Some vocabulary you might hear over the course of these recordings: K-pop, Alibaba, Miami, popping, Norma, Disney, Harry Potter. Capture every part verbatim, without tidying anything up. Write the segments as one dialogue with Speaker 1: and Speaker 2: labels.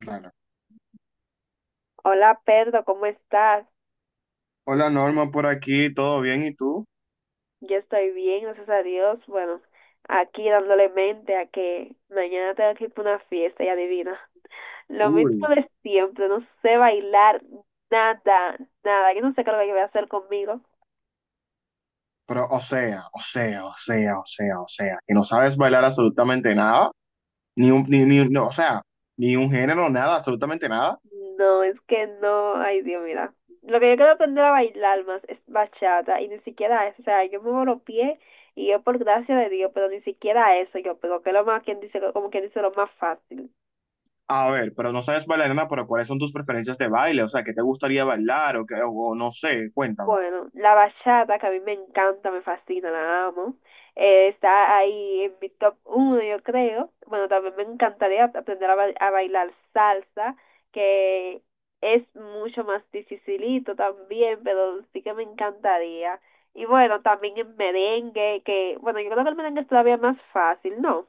Speaker 1: Claro.
Speaker 2: Hola Pedro, ¿cómo estás?
Speaker 1: Hola Norma, por aquí, ¿todo bien? ¿Y tú?
Speaker 2: Yo estoy bien, gracias a Dios. Bueno, aquí dándole mente a que mañana tengo que ir para una fiesta y adivina. Lo
Speaker 1: Uy,
Speaker 2: mismo de siempre, no sé bailar nada, nada. Yo no sé qué es lo que voy a hacer conmigo.
Speaker 1: pero o sea, o sea, o sea, o sea, o sea, que no sabes bailar absolutamente nada, ni un, ni, ni, no, o sea, ni un género, nada, absolutamente nada.
Speaker 2: No, es que no, ay Dios, mira. Lo que yo quiero aprender a bailar más es bachata y ni siquiera eso. O sea, yo muevo los pies y yo por gracia de Dios, pero ni siquiera eso yo, pero que es lo más, quien dice, como quien dice, lo más fácil.
Speaker 1: A ver, pero no sabes bailar nada, pero ¿cuáles son tus preferencias de baile? O sea, ¿qué te gustaría bailar o qué, o o no sé, cuéntame.
Speaker 2: Bueno, la bachata, que a mí me encanta, me fascina, la amo. Eh, está ahí en mi top uno, yo creo. Bueno, también me encantaría aprender a, ba- a bailar salsa, que es mucho más dificilito también, pero sí que me encantaría. Y bueno, también en merengue, que, bueno, yo creo que el merengue es todavía más fácil, ¿no?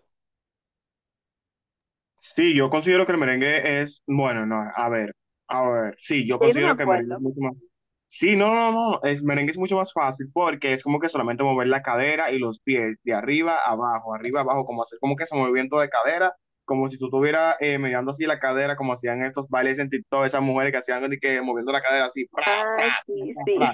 Speaker 1: Sí, yo considero que el merengue es, bueno, no, a ver, a ver, sí, yo
Speaker 2: Ya yo no me
Speaker 1: considero que el merengue es
Speaker 2: acuerdo.
Speaker 1: mucho más. Sí, no, no, no, es merengue es mucho más fácil porque es como que solamente mover la cadera y los pies de arriba a abajo, arriba a abajo, como hacer como que ese movimiento de cadera, como si tú estuvieras eh, mirando así la cadera, como hacían estos bailes en TikTok, esas mujeres que hacían de que moviendo la cadera así, pra, pra,
Speaker 2: Ah,
Speaker 1: pra,
Speaker 2: sí,
Speaker 1: pra,
Speaker 2: sí.
Speaker 1: pra.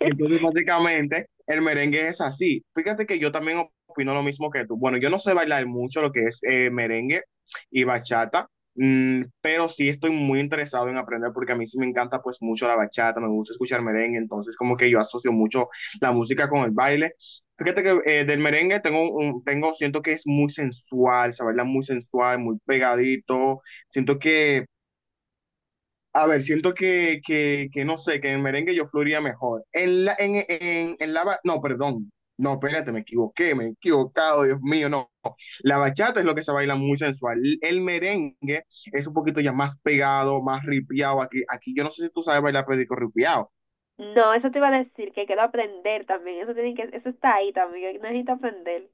Speaker 1: Entonces, básicamente, el merengue es así. Fíjate que yo también opino lo mismo que tú. Bueno, yo no sé bailar mucho lo que es eh, merengue y bachata, mm, pero sí estoy muy interesado en aprender porque a mí sí me encanta pues mucho la bachata, me gusta escuchar merengue, entonces como que yo asocio mucho la música con el baile. Fíjate que eh, del merengue tengo, un- tengo, siento que es muy sensual, se baila muy sensual, muy pegadito. Siento que a ver, siento que, que, que no sé, que en merengue yo fluiría mejor. En la, en, en, en la, ba- No, perdón. No, espérate, me equivoqué, me he equivocado, Dios mío, no. La bachata es lo que se baila muy sensual. El merengue es un poquito ya más pegado, más ripiado. Aquí, aquí yo no sé si tú sabes bailar perico ripiado.
Speaker 2: No, eso te iba a decir, que quiero aprender también. Eso tiene que, eso está ahí también, yo necesito aprender.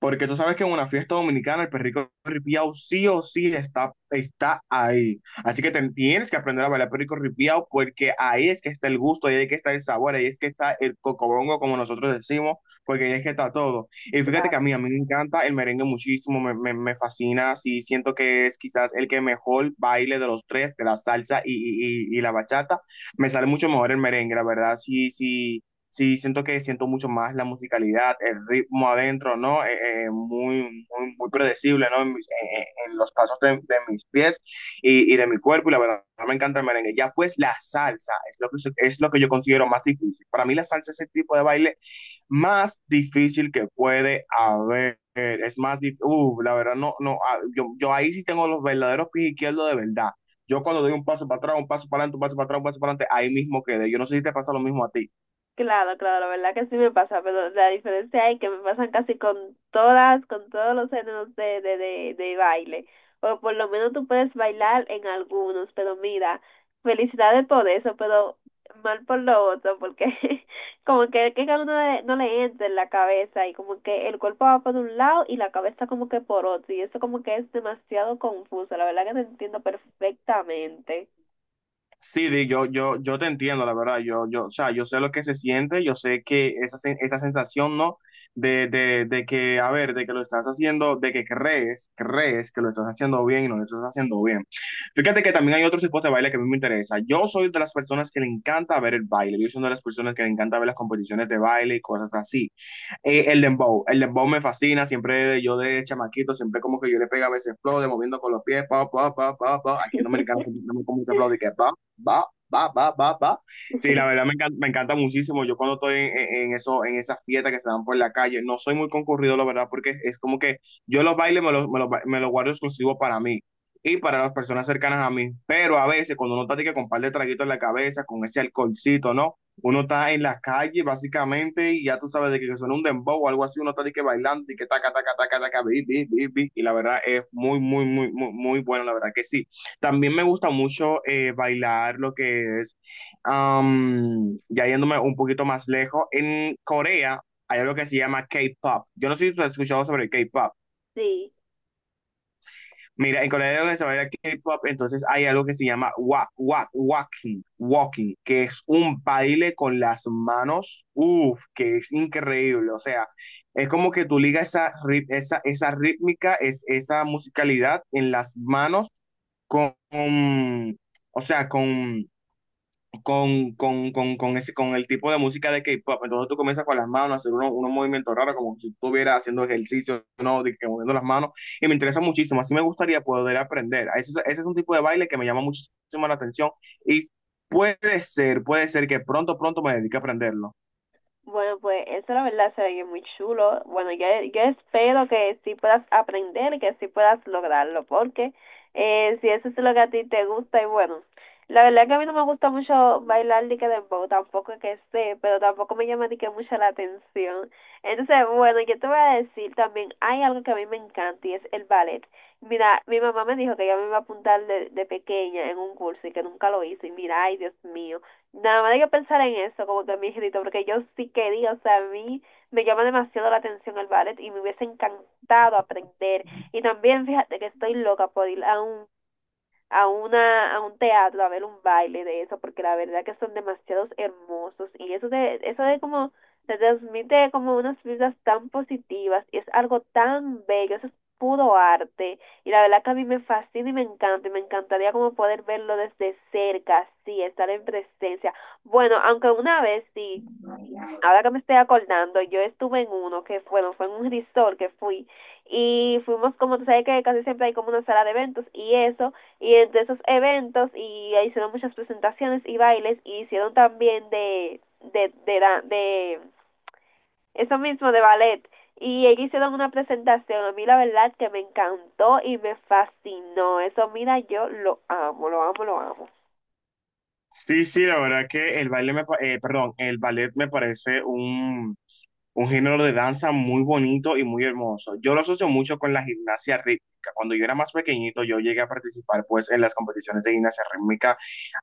Speaker 1: Porque tú sabes que en una fiesta dominicana el perrico ripiao sí o sí está, está ahí. Así que te- tienes que aprender a bailar perrico ripiao porque ahí es que está el gusto, ahí es que está el sabor, ahí es que está el cocobongo, como nosotros decimos, porque ahí es que está todo. Y fíjate que a
Speaker 2: Claro,
Speaker 1: mí, a mí me encanta el merengue muchísimo, me, me, me fascina, sí, siento que es quizás el que mejor baile de los tres, de la salsa y, y, y y la bachata. Me sale mucho mejor el merengue, la verdad, sí, sí sí siento que siento mucho más la musicalidad, el ritmo adentro, ¿no? Eh, eh, muy, muy, muy predecible, ¿no? En, mis- eh, eh, en los pasos de, de mis pies y, y de mi cuerpo, y la verdad me encanta el merengue. Ya pues la salsa es lo que, es lo que yo considero más difícil. Para mí la salsa es el tipo de baile más difícil que puede haber. Es más difícil, la verdad, no, no, ah, yo, yo ahí sí tengo los verdaderos pies izquierdos de verdad. Yo cuando doy un paso para atrás, un paso para adelante, un paso para atrás, un paso para adelante, ahí mismo quedé. Yo no sé si te pasa lo mismo a ti.
Speaker 2: claro, claro, la verdad que sí me pasa, pero la diferencia es que me pasan casi con todas, con todos los géneros de, de, de, de baile, o por lo menos tú puedes bailar en algunos, pero mira, felicidades por eso, pero mal por lo otro, porque como que, que a uno le- no le entra en la cabeza y como que el cuerpo va por un lado y la cabeza como que por otro, y eso como que es demasiado confuso, la verdad que te entiendo perfectamente.
Speaker 1: Sí, Di, yo, yo, yo te entiendo, la verdad. Yo, yo, o sea, yo sé lo que se siente, yo sé que esa, sen- esa sensación, ¿no? De, de, de que, a ver, de que lo estás haciendo, de que crees, crees que lo estás haciendo bien y no lo estás haciendo bien. Fíjate que también hay otros tipos de baile que a mí me interesa. Yo soy de las personas que le encanta ver el baile. Yo soy de las personas que le encanta ver las competiciones de baile y cosas así. Eh, el dembow, el dembow me fascina, siempre yo de chamaquito, siempre como que yo le pegaba ese flow de moviendo con los pies, pa, pa, pa, pa, pa, aquí en Dominicana siempre tenemos como ese flow de que pa, va, va, va, va, va. Sí, la verdad me encanta, me encanta muchísimo. Yo cuando estoy en, en- en eso, en esas fiestas que se dan por la calle, no soy muy concurrido, la verdad, porque es como que yo los bailes me los, me los, ba- me los guardo exclusivo para mí y para las personas cercanas a mí. Pero a veces, cuando uno está así que con un par de traguitos en la cabeza, con ese alcoholcito, ¿no? Uno está en la calle, básicamente, y ya tú sabes de que suena un dembow o algo así, uno está de que bailando y que taca, taca, taca, taca, bi, bi, bi, bi. Y la verdad es muy, muy, muy, muy, muy bueno, la verdad que sí. También me gusta mucho eh, bailar lo que es, am, ya yéndome un poquito más lejos, en Corea hay algo que se llama K-pop. Yo no sé si tú has escuchado sobre el K-pop.
Speaker 2: Sí.
Speaker 1: Mira, en Corea hay algo que se baila K-pop, entonces hay algo que se llama walk walk walking, walking, que es un baile con las manos, uff, que es increíble. O sea, es como que tú ligas esa, ri- esa, esa rítmica, es, esa musicalidad en las manos con, o sea, con con, con, con, con, ese, con el tipo de música de K-pop. Entonces tú comienzas con las manos a hacer unos, unos movimientos raros, como si estuvieras haciendo ejercicio, ¿no? De que moviendo las manos. Y me interesa muchísimo. Así me gustaría poder aprender. Ese, es- ese es un tipo de baile que me llama muchísimo la atención. Y puede ser, puede ser que pronto, pronto me dedique a aprenderlo.
Speaker 2: Bueno, pues eso la verdad se ve muy chulo. Bueno, yo, yo espero que sí puedas aprender, que sí puedas lograrlo, porque eh, si eso es lo que a ti te gusta, y bueno, la verdad que a mí no me gusta mucho bailar ni que dembow, tampoco que sé, pero tampoco me llama ni que mucho la atención. Entonces, bueno, yo te voy a decir también, hay algo que a mí me encanta y es el ballet. Mira, mi mamá me dijo que ella me iba a apuntar de, de pequeña en un curso y que nunca lo hizo, y mira, ay, Dios mío. Nada más hay que pensar en eso, como que mi grito, porque yo sí quería, o sea, a mí me llama demasiado la atención el ballet y me hubiese encantado aprender. Y también fíjate que estoy loca por ir a un a una, a un teatro, a ver un baile de eso, porque la verdad que son demasiados hermosos y eso de, eso de como, se transmite como unas vibras tan positivas y es algo tan bello, eso es puro arte y la verdad que a mí me fascina y me encanta y me encantaría como poder verlo desde cerca, sí, estar en presencia. Bueno, aunque una vez sí ahora que me estoy acordando, yo estuve en uno que fue, bueno, fue en un resort que fui y fuimos como tú sabes que casi siempre hay como una sala de eventos y eso y entre esos eventos y ahí hicieron muchas presentaciones y bailes y hicieron también de de de, de, de eso mismo de ballet y ellos hicieron una presentación a mí la verdad que me encantó y me fascinó eso, mira, yo lo amo, lo amo, lo amo.
Speaker 1: Sí, sí, la verdad que el baile me, pa- eh, perdón, el ballet me parece un, un género de danza muy bonito y muy hermoso. Yo lo asocio mucho con la gimnasia rítmica. Cuando yo era más pequeñito, yo llegué a participar pues en las competiciones de gimnasia rítmica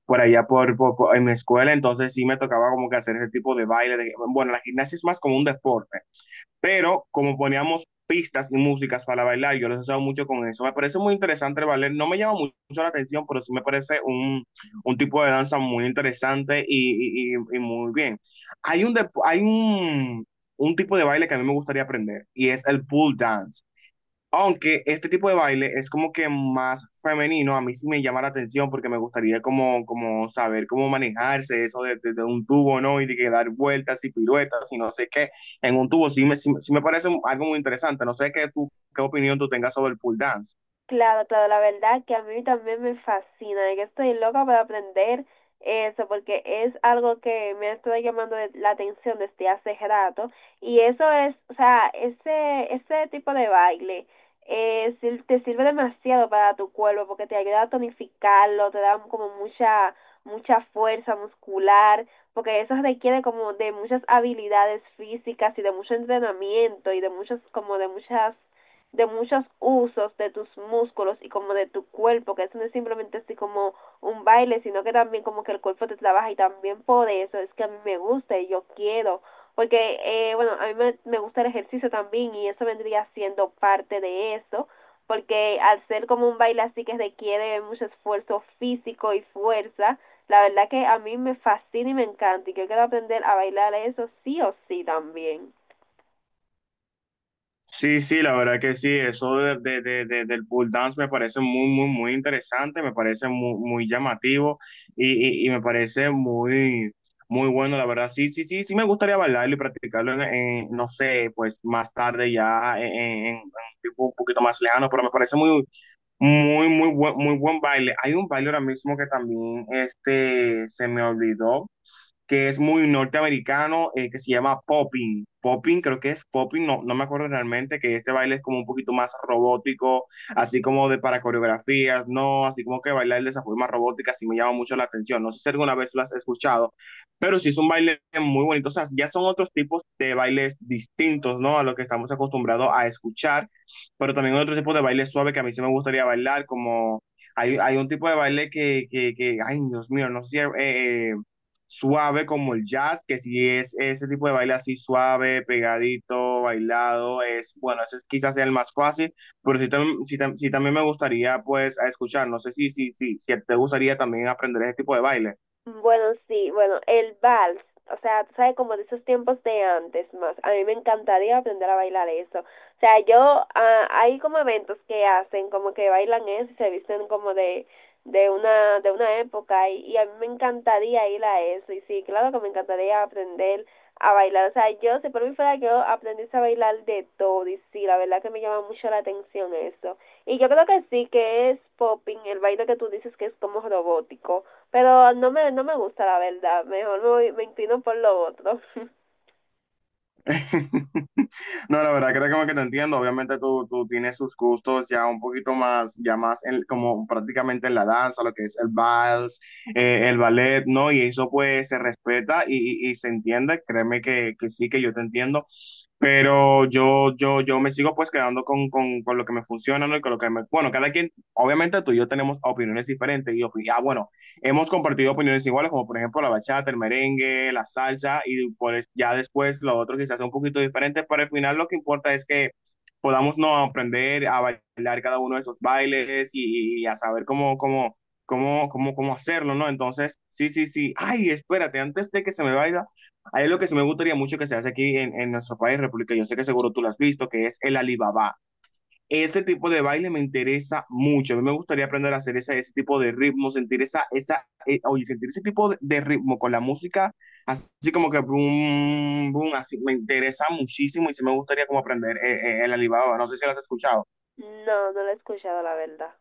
Speaker 1: por allá por, por- por- en mi escuela, entonces sí me tocaba como que hacer ese tipo de baile. De- bueno, la gimnasia es más como un deporte, pero como poníamos pistas y músicas para bailar, yo los he usado mucho con eso. Me parece muy interesante el ballet, no me llama mucho la atención, pero sí me parece un, un tipo de danza muy interesante y, y- y- y muy bien. Hay un, dep- hay un, un tipo de baile que a mí me gustaría aprender y es el pool dance. Aunque este tipo de baile es como que más femenino, a mí sí me llama la atención porque me gustaría como, como saber cómo manejarse eso de, de- de un tubo, ¿no? Y de que dar vueltas y piruetas y no sé qué en un tubo. Sí me, sí, me sí me parece algo muy interesante. No sé qué, tú, qué opinión tú tengas sobre el pool dance.
Speaker 2: Claro, claro, la verdad que a mí también me fascina, de que estoy loca para aprender eso, porque es algo que me ha estado llamando de- la atención desde hace rato, y eso es, o sea, ese, ese tipo de baile eh, sir- te sirve demasiado para tu cuerpo, porque te ayuda a tonificarlo, te da como mucha, mucha fuerza muscular, porque eso requiere como de muchas habilidades físicas y de mucho entrenamiento y de muchos, como de muchas de muchos usos de tus músculos y como de tu cuerpo, que eso no es simplemente así como un baile, sino que también como que el cuerpo te trabaja y también por eso es que a mí me gusta y yo quiero, porque eh, bueno, a mí me, me gusta el ejercicio también y eso vendría siendo parte de eso, porque al ser como un baile así que requiere mucho esfuerzo físico y fuerza, la verdad que a mí me fascina y me encanta y yo quiero aprender a bailar eso sí o sí también.
Speaker 1: Sí, sí, la verdad que sí, eso de, de- de- de- del pole dance me parece muy, muy, muy interesante, me parece muy, muy llamativo y, y- y me parece muy, muy bueno, la verdad. Sí, sí, sí, sí me gustaría bailarlo y practicarlo en, en, no sé, pues más tarde ya en, en- en un tipo un poquito más lejano, pero me parece muy, muy, muy buen, muy buen baile. Hay un baile ahora mismo que también este, se me olvidó que es muy norteamericano, eh, que se llama popping. Popping, creo que es popping, no, no me acuerdo realmente, que este baile es como un poquito más robótico, así como de para coreografías, no, así como que bailar de esa forma robótica, sí me llama mucho la atención. No sé si alguna vez lo has escuchado, pero sí es un baile muy bonito. O sea, ya son otros tipos de bailes distintos, ¿no? A lo que estamos acostumbrados a escuchar, pero también otro tipo de baile suave que a mí sí me gustaría bailar, como hay, hay un tipo de baile que, que, que ay, Dios mío, no sé si. Eh, eh, Suave como el jazz, que si es ese tipo de baile así suave, pegadito, bailado, es, bueno, ese es quizás sea el más fácil, pero sí, tam- sí tam- sí también me gustaría pues a escuchar, no sé si, si, si, si te gustaría también aprender ese tipo de baile.
Speaker 2: Bueno, sí, bueno, el vals, o sea, tú sabes, como de esos tiempos de antes más, a mí me encantaría aprender a bailar eso. O sea, yo, ah, hay como eventos que hacen, como que bailan eso y se visten como de, de una, de una época y, y a mí me encantaría ir a eso y sí, claro que me encantaría aprender a bailar. O sea, yo, si por mí fuera, yo aprendiese a bailar de todo y sí, la verdad que me llama mucho la atención eso. Y yo creo que sí, que es popping, el baile que tú dices que es como robótico. Pero no me, no me gusta la verdad, mejor me, voy- me inclino por lo otro.
Speaker 1: No, la verdad creo que como que te entiendo, obviamente tú, tú tienes sus gustos ya un poquito más, ya más en- como prácticamente en la danza, lo que es el vals, eh, el ballet, ¿no? Y eso pues se respeta y, y- y se entiende, créeme que, que sí, que yo te entiendo. Pero yo, yo, yo me sigo pues quedando con, con, con lo que me funciona, ¿no? Y con lo que me. Bueno, cada quien, obviamente tú y yo tenemos opiniones diferentes y opi- ah, bueno, hemos compartido opiniones iguales, como por ejemplo la bachata, el merengue, la salsa y pues ya después lo otro quizás sea un poquito diferente, pero al final lo que importa es que podamos no aprender a bailar cada uno de esos bailes y, y a saber cómo, cómo, cómo, cómo, cómo hacerlo, ¿no? Entonces, sí, sí, sí. Ay, espérate, antes de que se me vaya. Hay algo que sí me gustaría mucho que se hace aquí en, en nuestro país, República, yo sé que seguro tú lo has visto, que es el Alibaba. Ese tipo de baile me interesa mucho. A mí me gustaría aprender a hacer ese, ese tipo de ritmo, sentir esa, esa, eh, oye, sentir ese tipo de, de ritmo con la música, así como que boom, boom, así me interesa muchísimo y sí me gustaría como aprender eh, eh, el Alibaba. No sé si lo has escuchado.
Speaker 2: No, no lo he escuchado la verdad.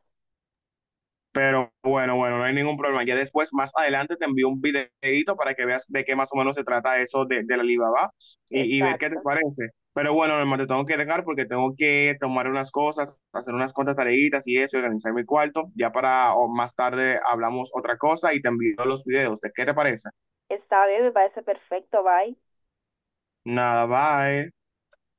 Speaker 1: Pero bueno, bueno, no hay ningún problema. Ya después, más adelante, te envío un videito para que veas de qué más o menos se trata eso de, de la Alibaba y, y ver qué te
Speaker 2: Exacto.
Speaker 1: parece. Pero bueno, Norma, te tengo que dejar porque tengo que tomar unas cosas, hacer unas cuantas tareitas y eso, y organizar mi cuarto. Ya para o más tarde hablamos otra cosa y te envío los videos. ¿De qué te parece?
Speaker 2: Está bien, me parece perfecto, bye.
Speaker 1: Nada, bye.